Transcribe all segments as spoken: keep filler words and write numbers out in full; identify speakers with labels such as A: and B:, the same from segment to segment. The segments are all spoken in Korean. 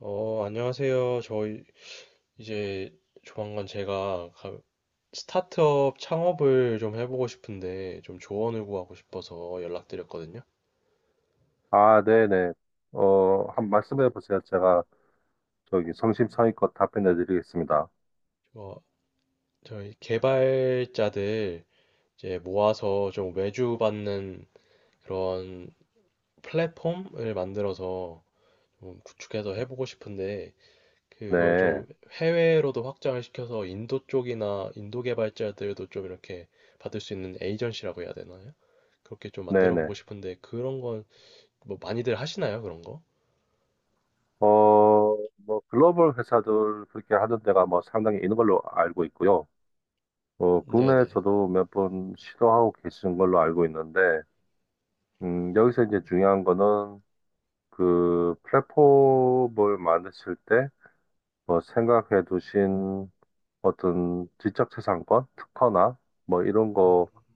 A: 어, 안녕하세요. 저 이- 이제 조만간 제가 가- 스타트업 창업을 좀 해보고 싶은데 좀 조언을 구하고 싶어서 연락드렸거든요.
B: 아, 네네. 어, 한 말씀해 보세요. 제가 저기
A: 네.
B: 성심성의껏 답변해 드리겠습니다.
A: 어, 저희 개발자들 이제 모아서 좀 외주 받는 그런 플랫폼을 만들어서 좀 구축해서 해보고 싶은데 그걸
B: 네,
A: 좀 해외로도 확장을 시켜서 인도 쪽이나 인도 개발자들도 좀 이렇게 받을 수 있는 에이전시라고 해야 되나요? 그렇게 좀 만들어 보고
B: 네네.
A: 싶은데 그런 건 뭐 많이들 하시나요? 그런 거?
B: 어, 뭐 글로벌 회사들 그렇게 하는 데가 뭐 상당히 있는 걸로 알고 있고요. 어,
A: 네네.
B: 국내에서도 몇 번 시도하고 계시는 걸로 알고 있는데, 음, 여기서 이제 중요한 거는 그 플랫폼을 만드실 때 뭐 생각해 두신 어떤 지적 재산권, 특허나 뭐 이런
A: 음,
B: 거가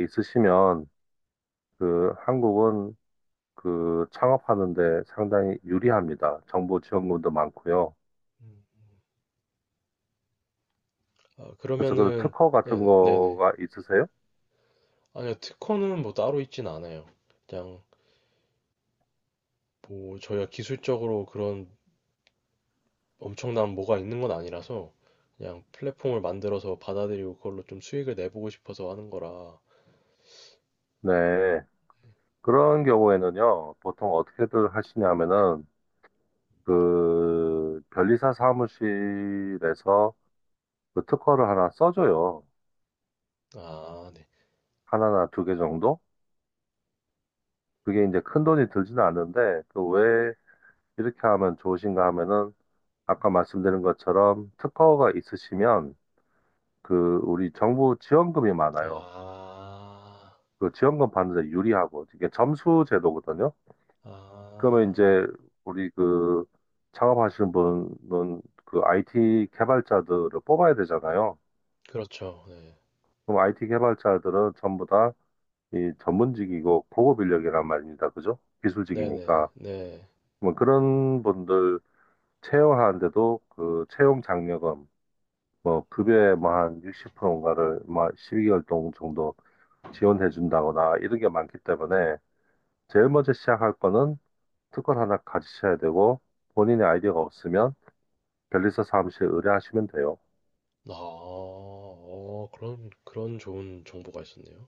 B: 있으시면 그 한국은 그 창업하는데 상당히 유리합니다. 정부 지원금도 많고요.
A: 음. 아,
B: 그래서 그런
A: 그러면은
B: 특허 같은
A: 네네. 네네.
B: 거가 있으세요?
A: 아니요. 특허는 뭐 따로 있진 않아요. 그냥 뭐 저희가 기술적으로 그런 엄청난 뭐가 있는 건 아니라서 그냥 플랫폼을 만들어서 받아들이고 그걸로 좀 수익을 내보고 싶어서 하는 거라.
B: 네. 그런 경우에는요, 보통 어떻게들 하시냐면은 그 변리사 사무실에서 그 특허를 하나 써줘요.
A: 아, 네.
B: 하나나 두 개 정도? 그게
A: 음.
B: 이제 큰 돈이 들지는 않는데 그 왜 이렇게 하면 좋으신가 하면은 아까 말씀드린 것처럼 특허가 있으시면 그 우리 정부 지원금이 많아요.
A: 아,
B: 그 지원금 받는 데 유리하고 이게 점수 제도거든요. 그러면
A: 아,
B: 이제 우리 그 창업하시는 분은 그 아이티 개발자들을 뽑아야 되잖아요.
A: 그렇죠. 네,
B: 그럼 아이티 개발자들은 전부 다 이 전문직이고 고급 인력이란 말입니다. 그죠?
A: 네네,
B: 기술직이니까.
A: 네.
B: 뭐 그런 분들 채용하는데도 그 채용 장려금 뭐
A: 음.
B: 급여의 뭐한 육십 퍼센트인가를 뭐 십이 개월 동안 정도 지원해 준다거나 이런 게 많기 때문에 제일 먼저 시작할 거는 특권 하나 가지셔야 되고 본인의 아이디어가 없으면 변리사 사무실에 의뢰하시면 돼요.
A: 아, 어, 그런, 그런 좋은 정보가 있었네요.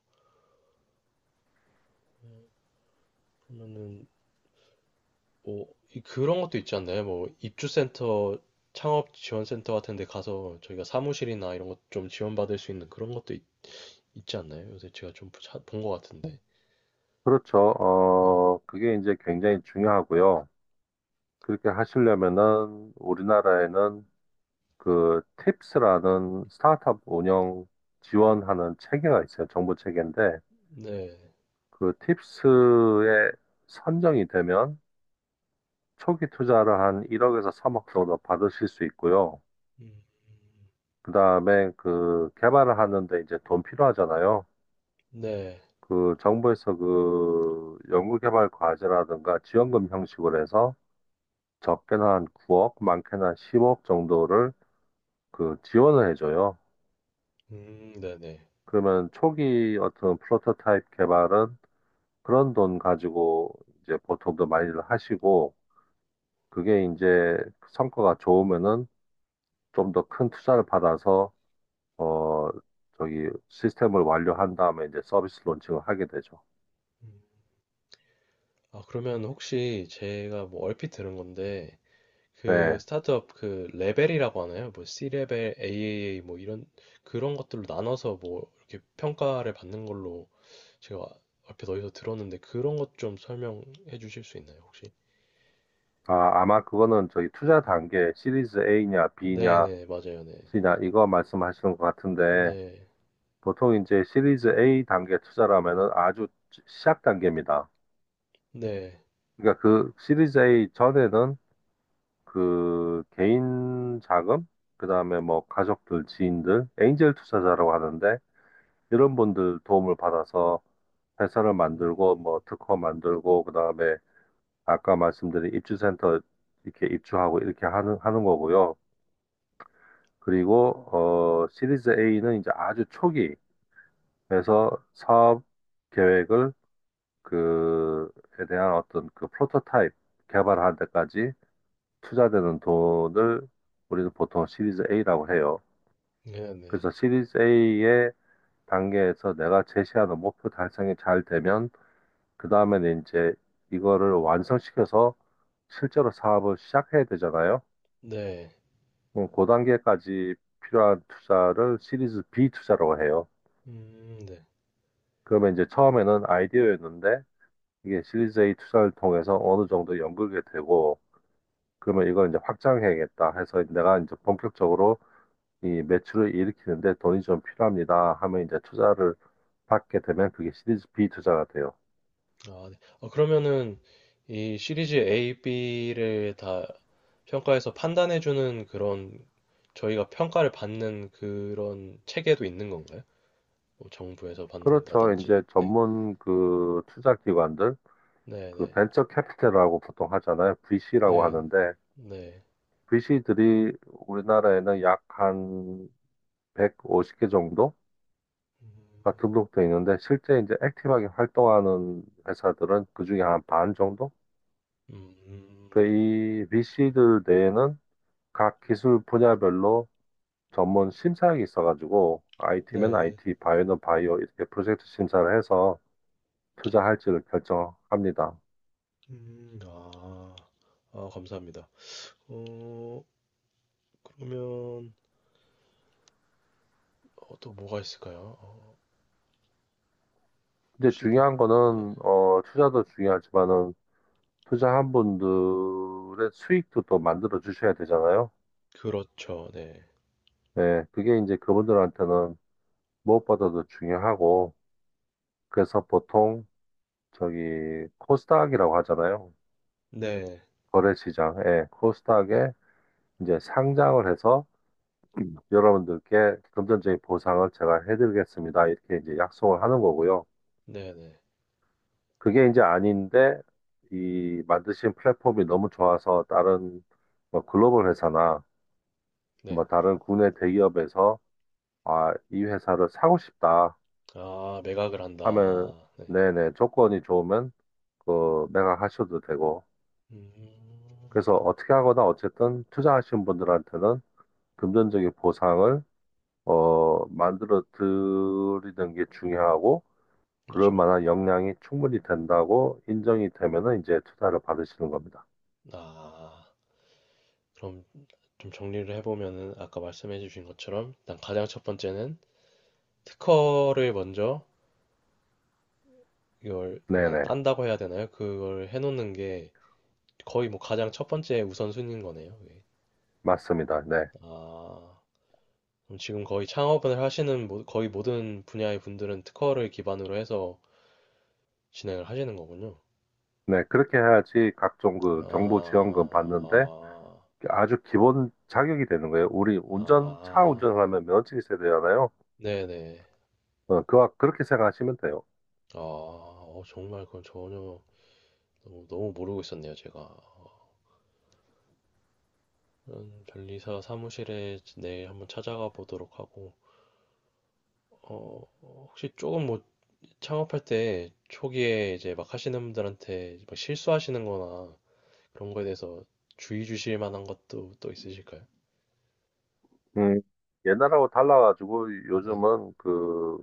A: 그러면은, 뭐, 이- 그런 것도 있지 않나요? 뭐, 입주센터, 창업 지원센터 같은 데 가서 저희가 사무실이나 이런 것 좀 지원받을 수 있는 그런 것도 있, 지 않나요? 요새 제가 좀 본 것 같은데.
B: 그렇죠.
A: 네.
B: 어, 그게 이제 굉장히 중요하고요. 그렇게 하시려면은 우리나라에는 그 팁스라는 스타트업 운영 지원하는 체계가 있어요. 정부 체계인데
A: 네.
B: 그 팁스에 선정이 되면 초기 투자를 한 일 억에서 삼 억 정도 받으실 수 있고요.
A: 음,
B: 그 다음에 그 개발을 하는데 이제 돈 필요하잖아요.
A: 네.
B: 그 정부에서 그 연구개발 과제라든가 지원금 형식으로 해서 적게는 한 구 억, 많게는 한 십 억 정도를 그 지원을 해줘요.
A: 음, 네네.
B: 그러면 초기 어떤 프로토타입 개발은 그런 돈 가지고 이제 보통도 많이들 하시고 그게 이제 성과가 좋으면은 좀 더 큰 투자를 받아서 어 저기 시스템을 완료한 다음에 이제 서비스 론칭을 하게 되죠.
A: 음. 아, 그러면 혹시 제가 뭐 얼핏 들은 건데, 그
B: 네.
A: 스타트업 그 레벨이라고 하나요? 뭐 씨 레벨, 트리플 에이 뭐 이런 그런 것들로 나눠서 뭐 이렇게 평가를 받는 걸로 제가 앞에 어디서 들었는데 그런 것 좀 설명해 주실 수 있나요, 혹시?
B: 아, 아마 그거는 저기 투자
A: 네.
B: 단계 시리즈 A냐 B냐
A: 네네, 맞아요, 네.
B: 혹시나 이거 말씀하시는 것 같은데
A: 네,
B: 보통 이제 시리즈 에이 단계 투자라면은 아주 시작 단계입니다.
A: 네.
B: 그러니까 그 시리즈 에이 전에는 그 개인 자금, 그다음에 뭐 가족들, 지인들, 엔젤 투자자라고 하는데 이런 분들 도움을 받아서 회사를 만들고 뭐
A: 음,
B: 특허 만들고 그다음에 아까 말씀드린 입주센터 이렇게 입주하고 이렇게 하는 하는 거고요. 그리고 어 시리즈 A는 이제 아주 초기 그래서 사업 계획을 그에 대한 어떤 그 프로토타입 개발하는 데까지 투자되는 돈을 우리는 보통 시리즈 A라고 해요.
A: 네네,
B: 그래서 시리즈 A의 단계에서 내가 제시하는 목표 달성이 잘 되면 그 다음에는 이제 이거를 완성시켜서 실제로 사업을 시작해야 되잖아요.
A: 네.
B: 그그 단계까지 필요한 투자를 시리즈 비 투자라고 해요.
A: 음, 네.
B: 그러면 이제 처음에는 아이디어였는데 이게 시리즈 에이 투자를 통해서 어느 정도 연결이 되고 그러면 이걸 이제 확장해야겠다 해서 내가 이제 본격적으로 이 매출을 일으키는데 돈이 좀 필요합니다 하면 이제 투자를 받게 되면 그게 시리즈 비 투자가 돼요.
A: 아, 네. 어, 그러면은 이 시리즈 A, B를 다 평가에서 판단해주는 그런 저희가 평가를 받는 그런 체계도 있는 건가요? 뭐 정부에서
B: 그렇죠.
A: 받는다든지.
B: 이제
A: 네,
B: 전문 그 투자 기관들
A: 네,
B: 그
A: 네,
B: 벤처 캐피탈이라고 보통 하잖아요. 브이씨라고
A: 네,
B: 하는데
A: 네,
B: 브이씨들이 우리나라에는 약 한 백오십 개 정도 가 등록돼 있는데 실제 이제 액티브하게 활동하는 회사들은 그중에 한 반 정도?
A: 음, 음,
B: 그이 브이씨들 내에는 각 기술 분야별로 전문 심사역이 있어가지고 아이티면
A: 네, 네,
B: 아이티, 바이오는 바이오 이렇게 프로젝트 심사를 해서 투자할지를 결정합니다.
A: 음, 아, 아, 감사합니다. 어, 그러면 어, 또 뭐가 있을까요? 어,
B: 근데
A: 혹시 뭐,
B: 중요한
A: 네,
B: 거는 어, 투자도 중요하지만은 투자한 분들의 수익도 또 만들어 주셔야 되잖아요.
A: 그렇죠, 네,
B: 네, 그게 이제 그분들한테는 무엇보다도 중요하고 그래서 보통 저기 코스닥이라고 하잖아요.
A: 네,
B: 거래시장, 예, 코스닥에 이제 상장을 해서 여러분들께 금전적인 보상을 제가 해드리겠습니다. 이렇게 이제 약속을 하는 거고요.
A: 네, 네,
B: 그게 이제 아닌데 이 만드신 플랫폼이 너무 좋아서 다른 뭐 글로벌 회사나
A: 네,
B: 뭐 다른 국내 대기업에서 아, 이 회사를 사고 싶다
A: 아, 매각을 한다.
B: 하면
A: 아, 네,
B: 네네 조건이 좋으면 그 매각하셔도 되고
A: 음,
B: 그래서 어떻게 하거나 어쨌든 투자하신 분들한테는 금전적인 보상을 어, 만들어 드리는 게 중요하고 그럴
A: 그렇죠.
B: 만한 역량이 충분히 된다고 인정이 되면은 이제 투자를 받으시는 겁니다.
A: 아, 그럼. 좀 정리를 해보면은 아까 말씀해 주신 것처럼 일단 가장 첫 번째는 특허를 먼저 이걸 뭐냐
B: 네네.
A: 딴다고 해야 되나요? 그걸 해놓는 게 거의 뭐 가장 첫 번째 우선순위인 거네요. 예.
B: 맞습니다. 네.
A: 아, 그럼 지금 거의 창업을 하시는 모- 거의 모든 분야의 분들은 특허를 기반으로 해서 진행을 하시는 거군요.
B: 네. 그렇게 해야지 각종 그
A: 아,
B: 정부 지원금 받는데
A: 아,
B: 아주 기본 자격이 되는 거예요. 우리
A: 아,
B: 운전, 차
A: 아.
B: 운전을 하면 면허증이 있어야 되잖아요.
A: 네네.
B: 어, 그와 그렇게 생각하시면 돼요.
A: 아, 어, 정말 그건 전혀 너무, 너무 모르고 있었네요, 제가. 저는 변리사 사무실에 내일 한번 찾아가 보도록 하고, 어, 혹시 조금 뭐 창업할 때 초기에 이제 막 하시는 분들한테 막 실수하시는 거나 그런 거에 대해서 주의 주실 만한 것도 또 있으실까요?
B: 음, 옛날하고 달라가지고
A: 네.
B: 요즘은 그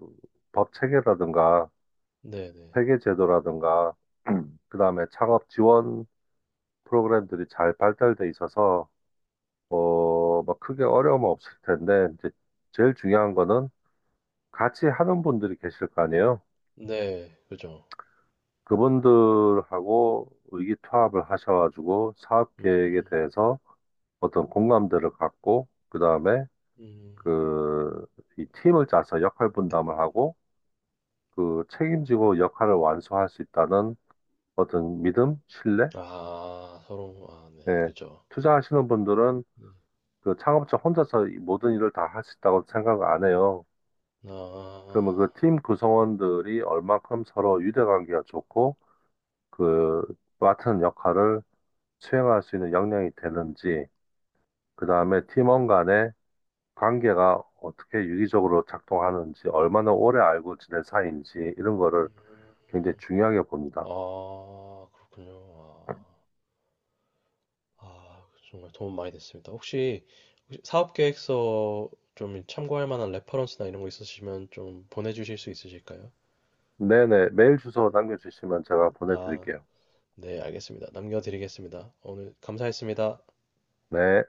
B: 법 체계라든가
A: 네네.
B: 회계 제도라든가 그다음에 창업 지원 프로그램들이 잘 발달돼 있어서 어, 막 크게 어려움 은 없을 텐데 이제 제일 중요한 거는 같이 하는 분들이 계실 거 아니에요.
A: 네, 네, 그죠.
B: 그분들하고 의기투합을 하셔가지고 사업 계획에
A: 음,
B: 대해서 어떤 공감대를 갖고 그다음에
A: 음,
B: 그 이 팀을 짜서 역할 분담을 하고 그 책임지고 역할을 완수할 수 있다는 어떤 믿음, 신뢰,
A: 아, 서로, 아, 네,
B: 예.
A: 그죠.
B: 투자하시는 분들은
A: 네.
B: 그 창업자 혼자서 이 모든 일을 다 할 수 있다고 생각 안 해요. 그러면
A: 아,
B: 그 팀 구성원들이 얼만큼 서로 유대관계가 좋고 그 맡은 역할을 수행할 수 있는 역량이 되는지, 그 다음에 팀원 간의 관계가 어떻게 유기적으로 작동하는지, 얼마나 오래 알고 지낸 사이인지 이런 거를
A: 음,
B: 굉장히
A: 음.
B: 중요하게 봅니다.
A: 아, 그렇군요. 아. 아, 정말 도움 많이 됐습니다. 혹시, 혹시 사업 계획서 좀 참고할 만한 레퍼런스나 이런 거 있으시면 좀 보내주실 수 있으실까요?
B: 네네, 메일 주소 남겨주시면 제가
A: 아,
B: 보내드릴게요.
A: 네, 알겠습니다. 남겨드리겠습니다. 오늘 감사했습니다.
B: 네.